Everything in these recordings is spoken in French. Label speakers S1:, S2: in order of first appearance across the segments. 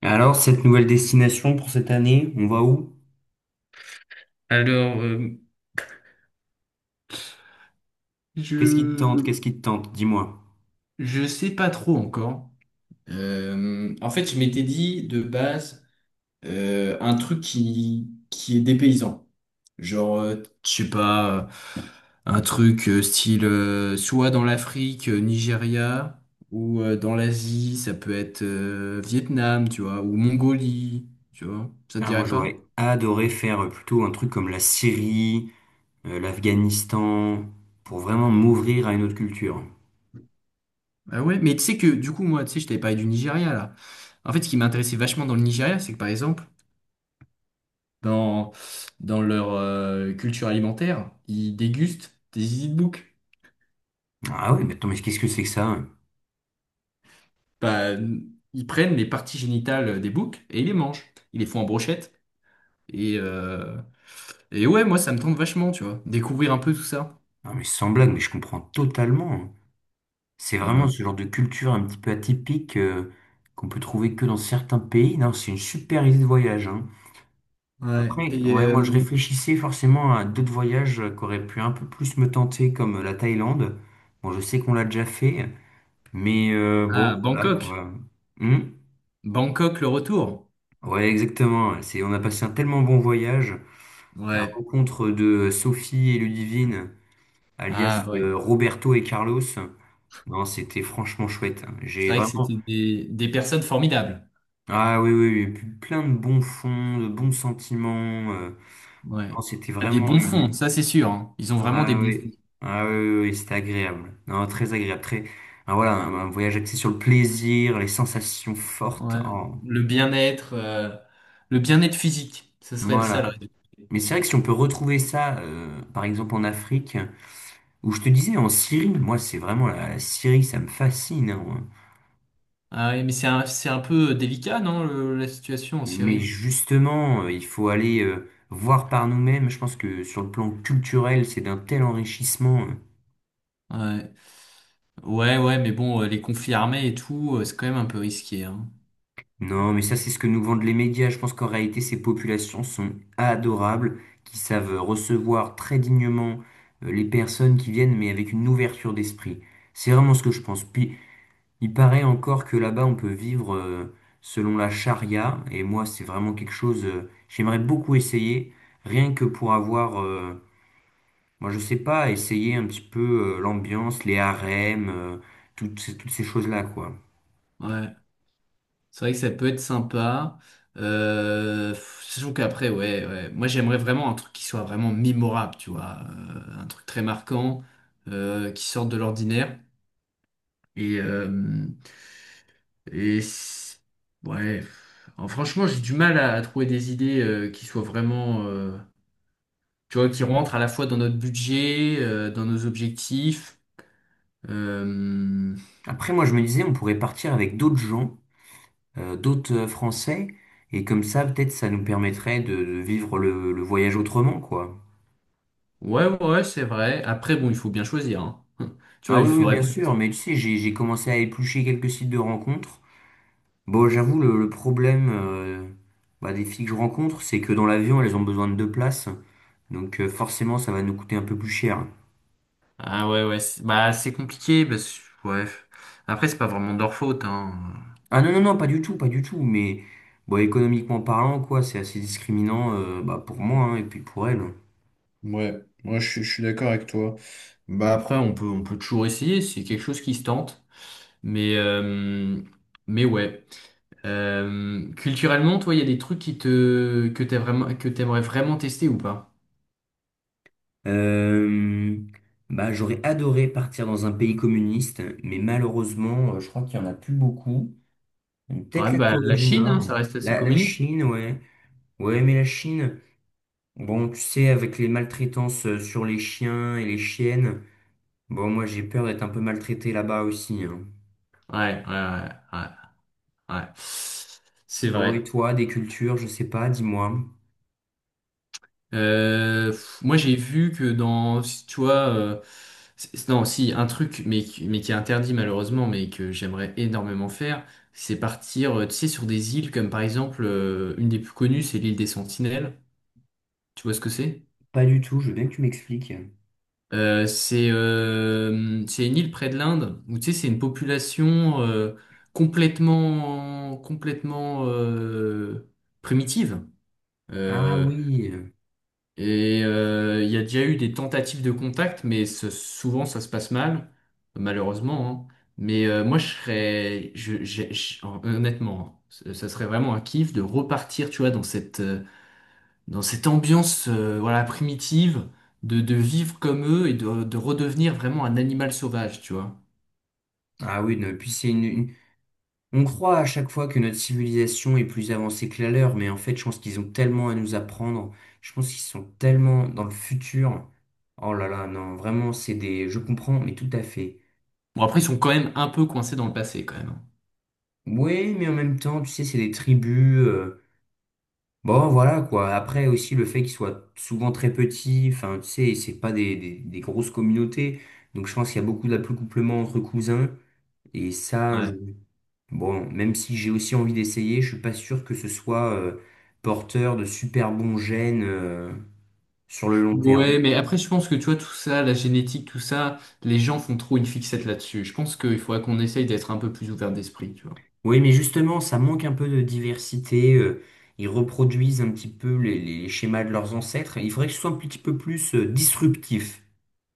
S1: Alors, cette nouvelle destination pour cette année, on va où?
S2: Alors, je
S1: Qu'est-ce qui te tente? Qu'est-ce qui te tente? Dis-moi.
S2: je sais pas trop encore. En fait, je m'étais dit de base un truc qui est dépaysant. Genre, je sais pas, un truc style soit dans l'Afrique, Nigeria, ou dans l'Asie, ça peut être Vietnam, tu vois, ou Mongolie, tu vois. Ça te
S1: Ah, moi,
S2: dirait pas?
S1: j'aurais adoré faire plutôt un truc comme la Syrie, l'Afghanistan, pour vraiment m'ouvrir à une autre culture.
S2: Ah ouais, mais tu sais que du coup, moi, tu sais, je t'avais parlé du Nigeria là. En fait, ce qui m'intéressait vachement dans le Nigeria, c'est que par exemple, dans, dans leur culture alimentaire, ils dégustent des easy de bouc.
S1: Ah oui, mais attends, mais qu'est-ce que c'est que ça? Hein.
S2: Bah, ils prennent les parties génitales des boucs et ils les mangent. Ils les font en brochette. Et, euh, et ouais, moi, ça me tente vachement, tu vois. Découvrir un peu tout ça.
S1: Ah, mais sans blague, mais je comprends totalement, hein. C'est vraiment
S2: Voilà.
S1: ce genre de culture un petit peu atypique qu'on peut trouver que dans certains pays. Non, c'est une super idée de voyage, hein.
S2: Ouais.
S1: Après,
S2: Et
S1: ouais, moi je réfléchissais forcément à d'autres voyages qui auraient pu un peu plus me tenter, comme la Thaïlande. Bon, je sais qu'on l'a déjà fait, mais bon,
S2: ah,
S1: voilà
S2: Bangkok.
S1: quoi. Hmm.
S2: Bangkok, le retour.
S1: Ouais, exactement. C'est, on a passé un tellement bon voyage. La
S2: Ouais.
S1: rencontre de Sophie et Ludivine,
S2: Ah,
S1: alias
S2: ouais.
S1: Roberto et Carlos. Non, c'était franchement chouette.
S2: C'est
S1: J'ai
S2: vrai que
S1: vraiment.
S2: c'était des personnes formidables.
S1: Ah oui, oui, oui, plein de bons fonds, de bons sentiments,
S2: Ouais.
S1: non, c'était
S2: Ah, des
S1: vraiment
S2: bons fonds,
S1: une,
S2: ça c'est sûr, hein. Ils ont vraiment des
S1: ah
S2: bons fonds.
S1: oui, ah oui, oui, oui, c'était agréable. Non, très agréable, très. Ah, voilà, un voyage axé sur le plaisir, les sensations fortes.
S2: Ouais,
S1: Oh,
S2: le bien-être, euh, le bien-être physique, ce serait ça le
S1: voilà.
S2: rêve.
S1: Mais c'est vrai que si on peut retrouver ça, par exemple en Afrique, où je te disais en Syrie, moi c'est vraiment la Syrie, ça me fascine, hein.
S2: Ah ouais, mais c'est un peu délicat, non, la situation en
S1: Mais
S2: Syrie?
S1: justement, il faut aller voir par nous-mêmes. Je pense que sur le plan culturel, c'est d'un tel enrichissement.
S2: Ouais, ouais, ouais, mais bon, les conflits armés et tout, c'est quand même un peu risqué, hein.
S1: Non, mais ça, c'est ce que nous vendent les médias. Je pense qu'en réalité, ces populations sont adorables, qui savent recevoir très dignement les personnes qui viennent, mais avec une ouverture d'esprit. C'est vraiment ce que je pense. Puis, il paraît encore que là-bas, on peut vivre selon la charia. Et moi, c'est vraiment quelque chose, j'aimerais beaucoup essayer, rien que pour avoir, moi, je sais pas, essayer un petit peu l'ambiance, les harems, toutes ces choses-là, quoi.
S2: Ouais, c'est vrai que ça peut être sympa. Pff, surtout qu'après, ouais, ouais. Moi, j'aimerais vraiment un truc qui soit vraiment mémorable, tu vois, un truc très marquant, qui sorte de l'ordinaire. Et, euh, Et c- ouais, alors, franchement, j'ai du mal à trouver des idées qui soient vraiment, tu vois, qui rentrent à la fois dans notre budget, dans nos objectifs. Euh,
S1: Après, moi, je me disais, on pourrait partir avec d'autres gens , d'autres Français. Et comme ça, peut-être, ça nous permettrait de vivre le voyage autrement, quoi.
S2: Ouais, ouais, c'est vrai. Après, bon, il faut bien choisir, hein. Tu
S1: Ah
S2: vois,
S1: oui,
S2: il
S1: oui,
S2: faudrait.
S1: bien sûr, mais tu sais, j'ai commencé à éplucher quelques sites de rencontres. Bon, j'avoue, le problème bah, des filles que je rencontre, c'est que dans l'avion, elles ont besoin de deux places. Donc forcément, ça va nous coûter un peu plus cher.
S2: Ah ouais, ouais, bah c'est compliqué, parce que ouais. Après, c'est pas vraiment de leur faute, hein.
S1: Ah non, non, non, pas du tout, pas du tout. Mais bon, économiquement parlant, quoi, c'est assez discriminant bah, pour moi hein, et puis pour elles.
S2: Ouais, moi je suis d'accord avec toi. Bah, après, on peut toujours essayer, c'est quelque chose qui se tente. Mais, euh, mais ouais. Culturellement, toi, il y a des trucs que t'as vraiment, que t'aimerais vraiment tester ou pas?
S1: Euh, bah, j'aurais adoré partir dans un pays communiste, mais malheureusement, je crois qu'il n'y en a plus beaucoup. Donc, peut-être
S2: Ouais,
S1: la
S2: bah,
S1: Corée
S2: la
S1: du
S2: Chine, hein, ça
S1: Nord,
S2: reste assez
S1: la
S2: communiste.
S1: Chine, ouais. Ouais, mais la Chine, bon, tu sais, avec les maltraitances sur les chiens et les chiennes, bon, moi j'ai peur d'être un peu maltraité là-bas aussi, hein.
S2: Ouais, ouais, ouais, ouais, ouais. C'est
S1: Bon, et
S2: vrai.
S1: toi, des cultures, je sais pas, dis-moi.
S2: Pff, moi, j'ai vu que dans, si tu vois, non, si, un truc, mais, mais qui est interdit malheureusement, mais que j'aimerais énormément faire, c'est partir, tu sais, sur des îles comme par exemple, une des plus connues, c'est l'île des Sentinelles. Tu vois ce que c'est?
S1: Pas du tout, je veux bien que tu m'expliques.
S2: C'est une île près de l'Inde où tu sais c'est une population euh, complètement primitive.
S1: Ah
S2: Euh,
S1: oui,
S2: et il y a déjà eu des tentatives de contact mais souvent ça se passe mal malheureusement, hein. Mais moi je serais je, j'ai- je- honnêtement hein, ça serait vraiment un kiff de repartir tu vois dans cette ambiance voilà, primitive de vivre comme eux et de redevenir vraiment un animal sauvage, tu vois.
S1: ah oui, non, puis c'est une... On croit à chaque fois que notre civilisation est plus avancée que la leur, mais en fait, je pense qu'ils ont tellement à nous apprendre. Je pense qu'ils sont tellement dans le futur. Oh là là, non, vraiment, c'est des... Je comprends, mais tout à fait.
S2: Bon, après, ils sont quand même un peu coincés dans le passé, quand même.
S1: Oui, mais en même temps, tu sais, c'est des tribus. Bon, voilà, quoi. Après, aussi, le fait qu'ils soient souvent très petits, enfin, tu sais, c'est pas des grosses communautés. Donc, je pense qu'il y a beaucoup d'accouplement entre cousins. Et ça, je.
S2: Ouais.
S1: Bon, même si j'ai aussi envie d'essayer, je suis pas sûr que ce soit porteur de super bons gènes sur le long terme.
S2: Ouais, mais après, je pense que, tu vois, tout ça, la génétique, tout ça, les gens font trop une fixette là-dessus. Je pense qu'il faudrait qu'on essaye d'être un peu plus ouvert d'esprit, tu vois.
S1: Oui, mais justement, ça manque un peu de diversité. Ils reproduisent un petit peu les schémas de leurs ancêtres. Il faudrait que ce soit un petit peu plus disruptif.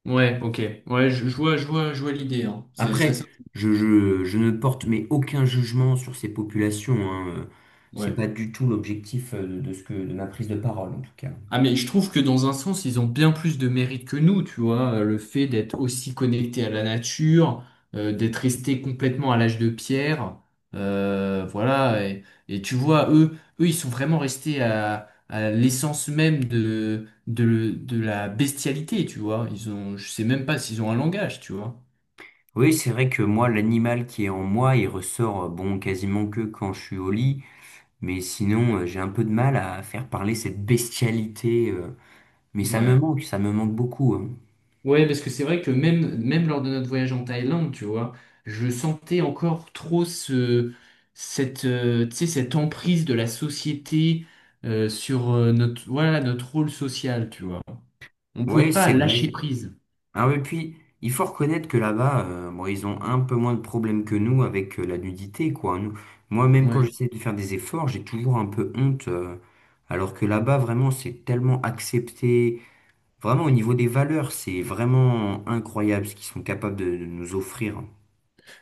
S2: Ouais, ok. Ouais, je vois l'idée, hein. C'est
S1: Après,
S2: assez...
S1: je ne porte mais aucun jugement sur ces populations, hein. Euh, c'est
S2: Ouais.
S1: pas du tout l'objectif de ma prise de parole, en tout cas.
S2: Ah mais je trouve que dans un sens, ils ont bien plus de mérite que nous, tu vois, le fait d'être aussi connectés à la nature, d'être restés complètement à l'âge de pierre, voilà, et tu vois, eux, ils sont vraiment restés à l'essence même de la bestialité, tu vois, ils ont, je sais même pas s'ils ont un langage, tu vois.
S1: Oui, c'est vrai que moi, l'animal qui est en moi, il ressort, bon, quasiment que quand je suis au lit, mais sinon, j'ai un peu de mal à faire parler cette bestialité, mais
S2: Ouais.
S1: ça me manque beaucoup, hein.
S2: Ouais, parce que c'est vrai que même lors de notre voyage en Thaïlande, tu vois, je sentais encore trop tu sais, cette emprise de la société sur notre, voilà, notre rôle social, tu vois. On pouvait
S1: Ouais, c'est
S2: pas lâcher
S1: vrai.
S2: prise.
S1: Ah oui, puis, il faut reconnaître que là-bas, bon, ils ont un peu moins de problèmes que nous avec la nudité, quoi, hein. Nous, moi, même quand
S2: Ouais.
S1: j'essaie de faire des efforts, j'ai toujours un peu honte, alors que là-bas, vraiment, c'est tellement accepté. Vraiment, au niveau des valeurs, c'est vraiment incroyable ce qu'ils sont capables de nous offrir.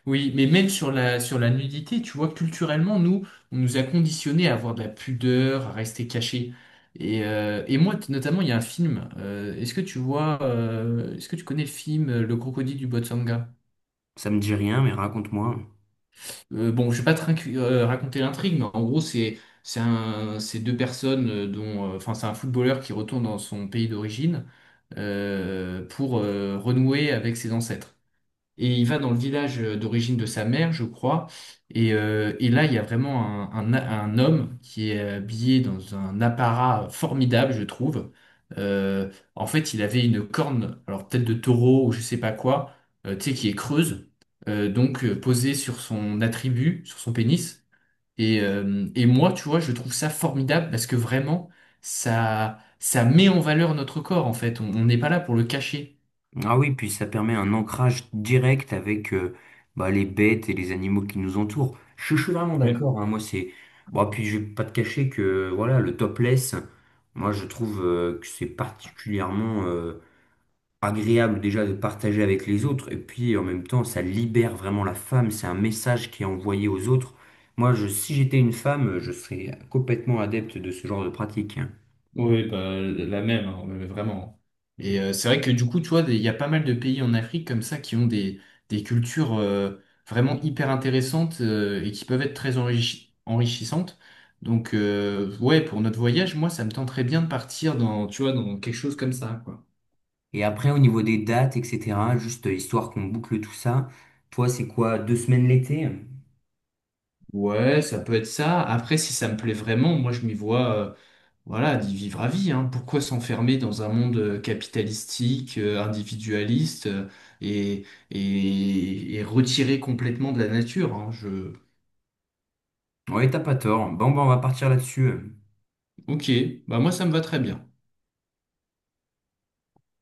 S2: Oui, mais même sur sur la nudité, tu vois, culturellement, nous, on nous a conditionnés à avoir de la pudeur, à rester cachés. Et moi, notamment, il y a un film. Est-ce que tu vois, est-ce que tu connais le film Le Crocodile du Botswana?
S1: Ça me dit rien, mais raconte-moi.
S2: Bon, je vais pas te raconter l'intrigue, mais en gros, c'est deux personnes dont, enfin, c'est un footballeur qui retourne dans son pays d'origine pour renouer avec ses ancêtres. Et il va dans le village d'origine de sa mère, je crois. Et là, il y a vraiment un homme qui est habillé dans un apparat formidable, je trouve. En fait, il avait une corne, alors peut-être de taureau ou je sais pas quoi, tu sais, qui est creuse, posée sur son attribut, sur son pénis. Et moi, tu vois, je trouve ça formidable parce que vraiment, ça met en valeur notre corps, en fait. On n'est pas là pour le cacher.
S1: Ah oui, puis ça permet un ancrage direct avec bah, les bêtes et les animaux qui nous entourent. Je suis vraiment d'accord, hein, moi, c'est. Bon, puis je vais pas te cacher que voilà, le topless, moi, je trouve que c'est particulièrement agréable déjà de partager avec les autres et puis en même temps ça libère vraiment la femme, c'est un message qui est envoyé aux autres. Moi, je, si j'étais une femme, je serais complètement adepte de ce genre de pratique, hein.
S2: Oui, bah, la même, hein, mais vraiment. Et c'est vrai que du coup, tu vois, il y a pas mal de pays en Afrique comme ça qui ont des cultures vraiment hyper intéressantes et qui peuvent être très enrichissantes. Donc, ouais, pour notre voyage, moi, ça me tenterait bien de partir dans, tu vois, dans quelque chose comme ça, quoi.
S1: Et après, au niveau des dates, etc., juste histoire qu'on boucle tout ça, toi, c'est quoi, deux semaines l'été?
S2: Ouais, ça peut être ça. Après, si ça me plaît vraiment, moi, je m'y vois. Voilà, d'y vivre à vie, hein. Pourquoi s'enfermer dans un monde capitalistique, individualiste, et, et retiré complètement de la nature, hein. Je...
S1: Ouais, t'as pas tort. Bon, ben, on va partir là-dessus.
S2: Ok, bah moi ça me va très bien.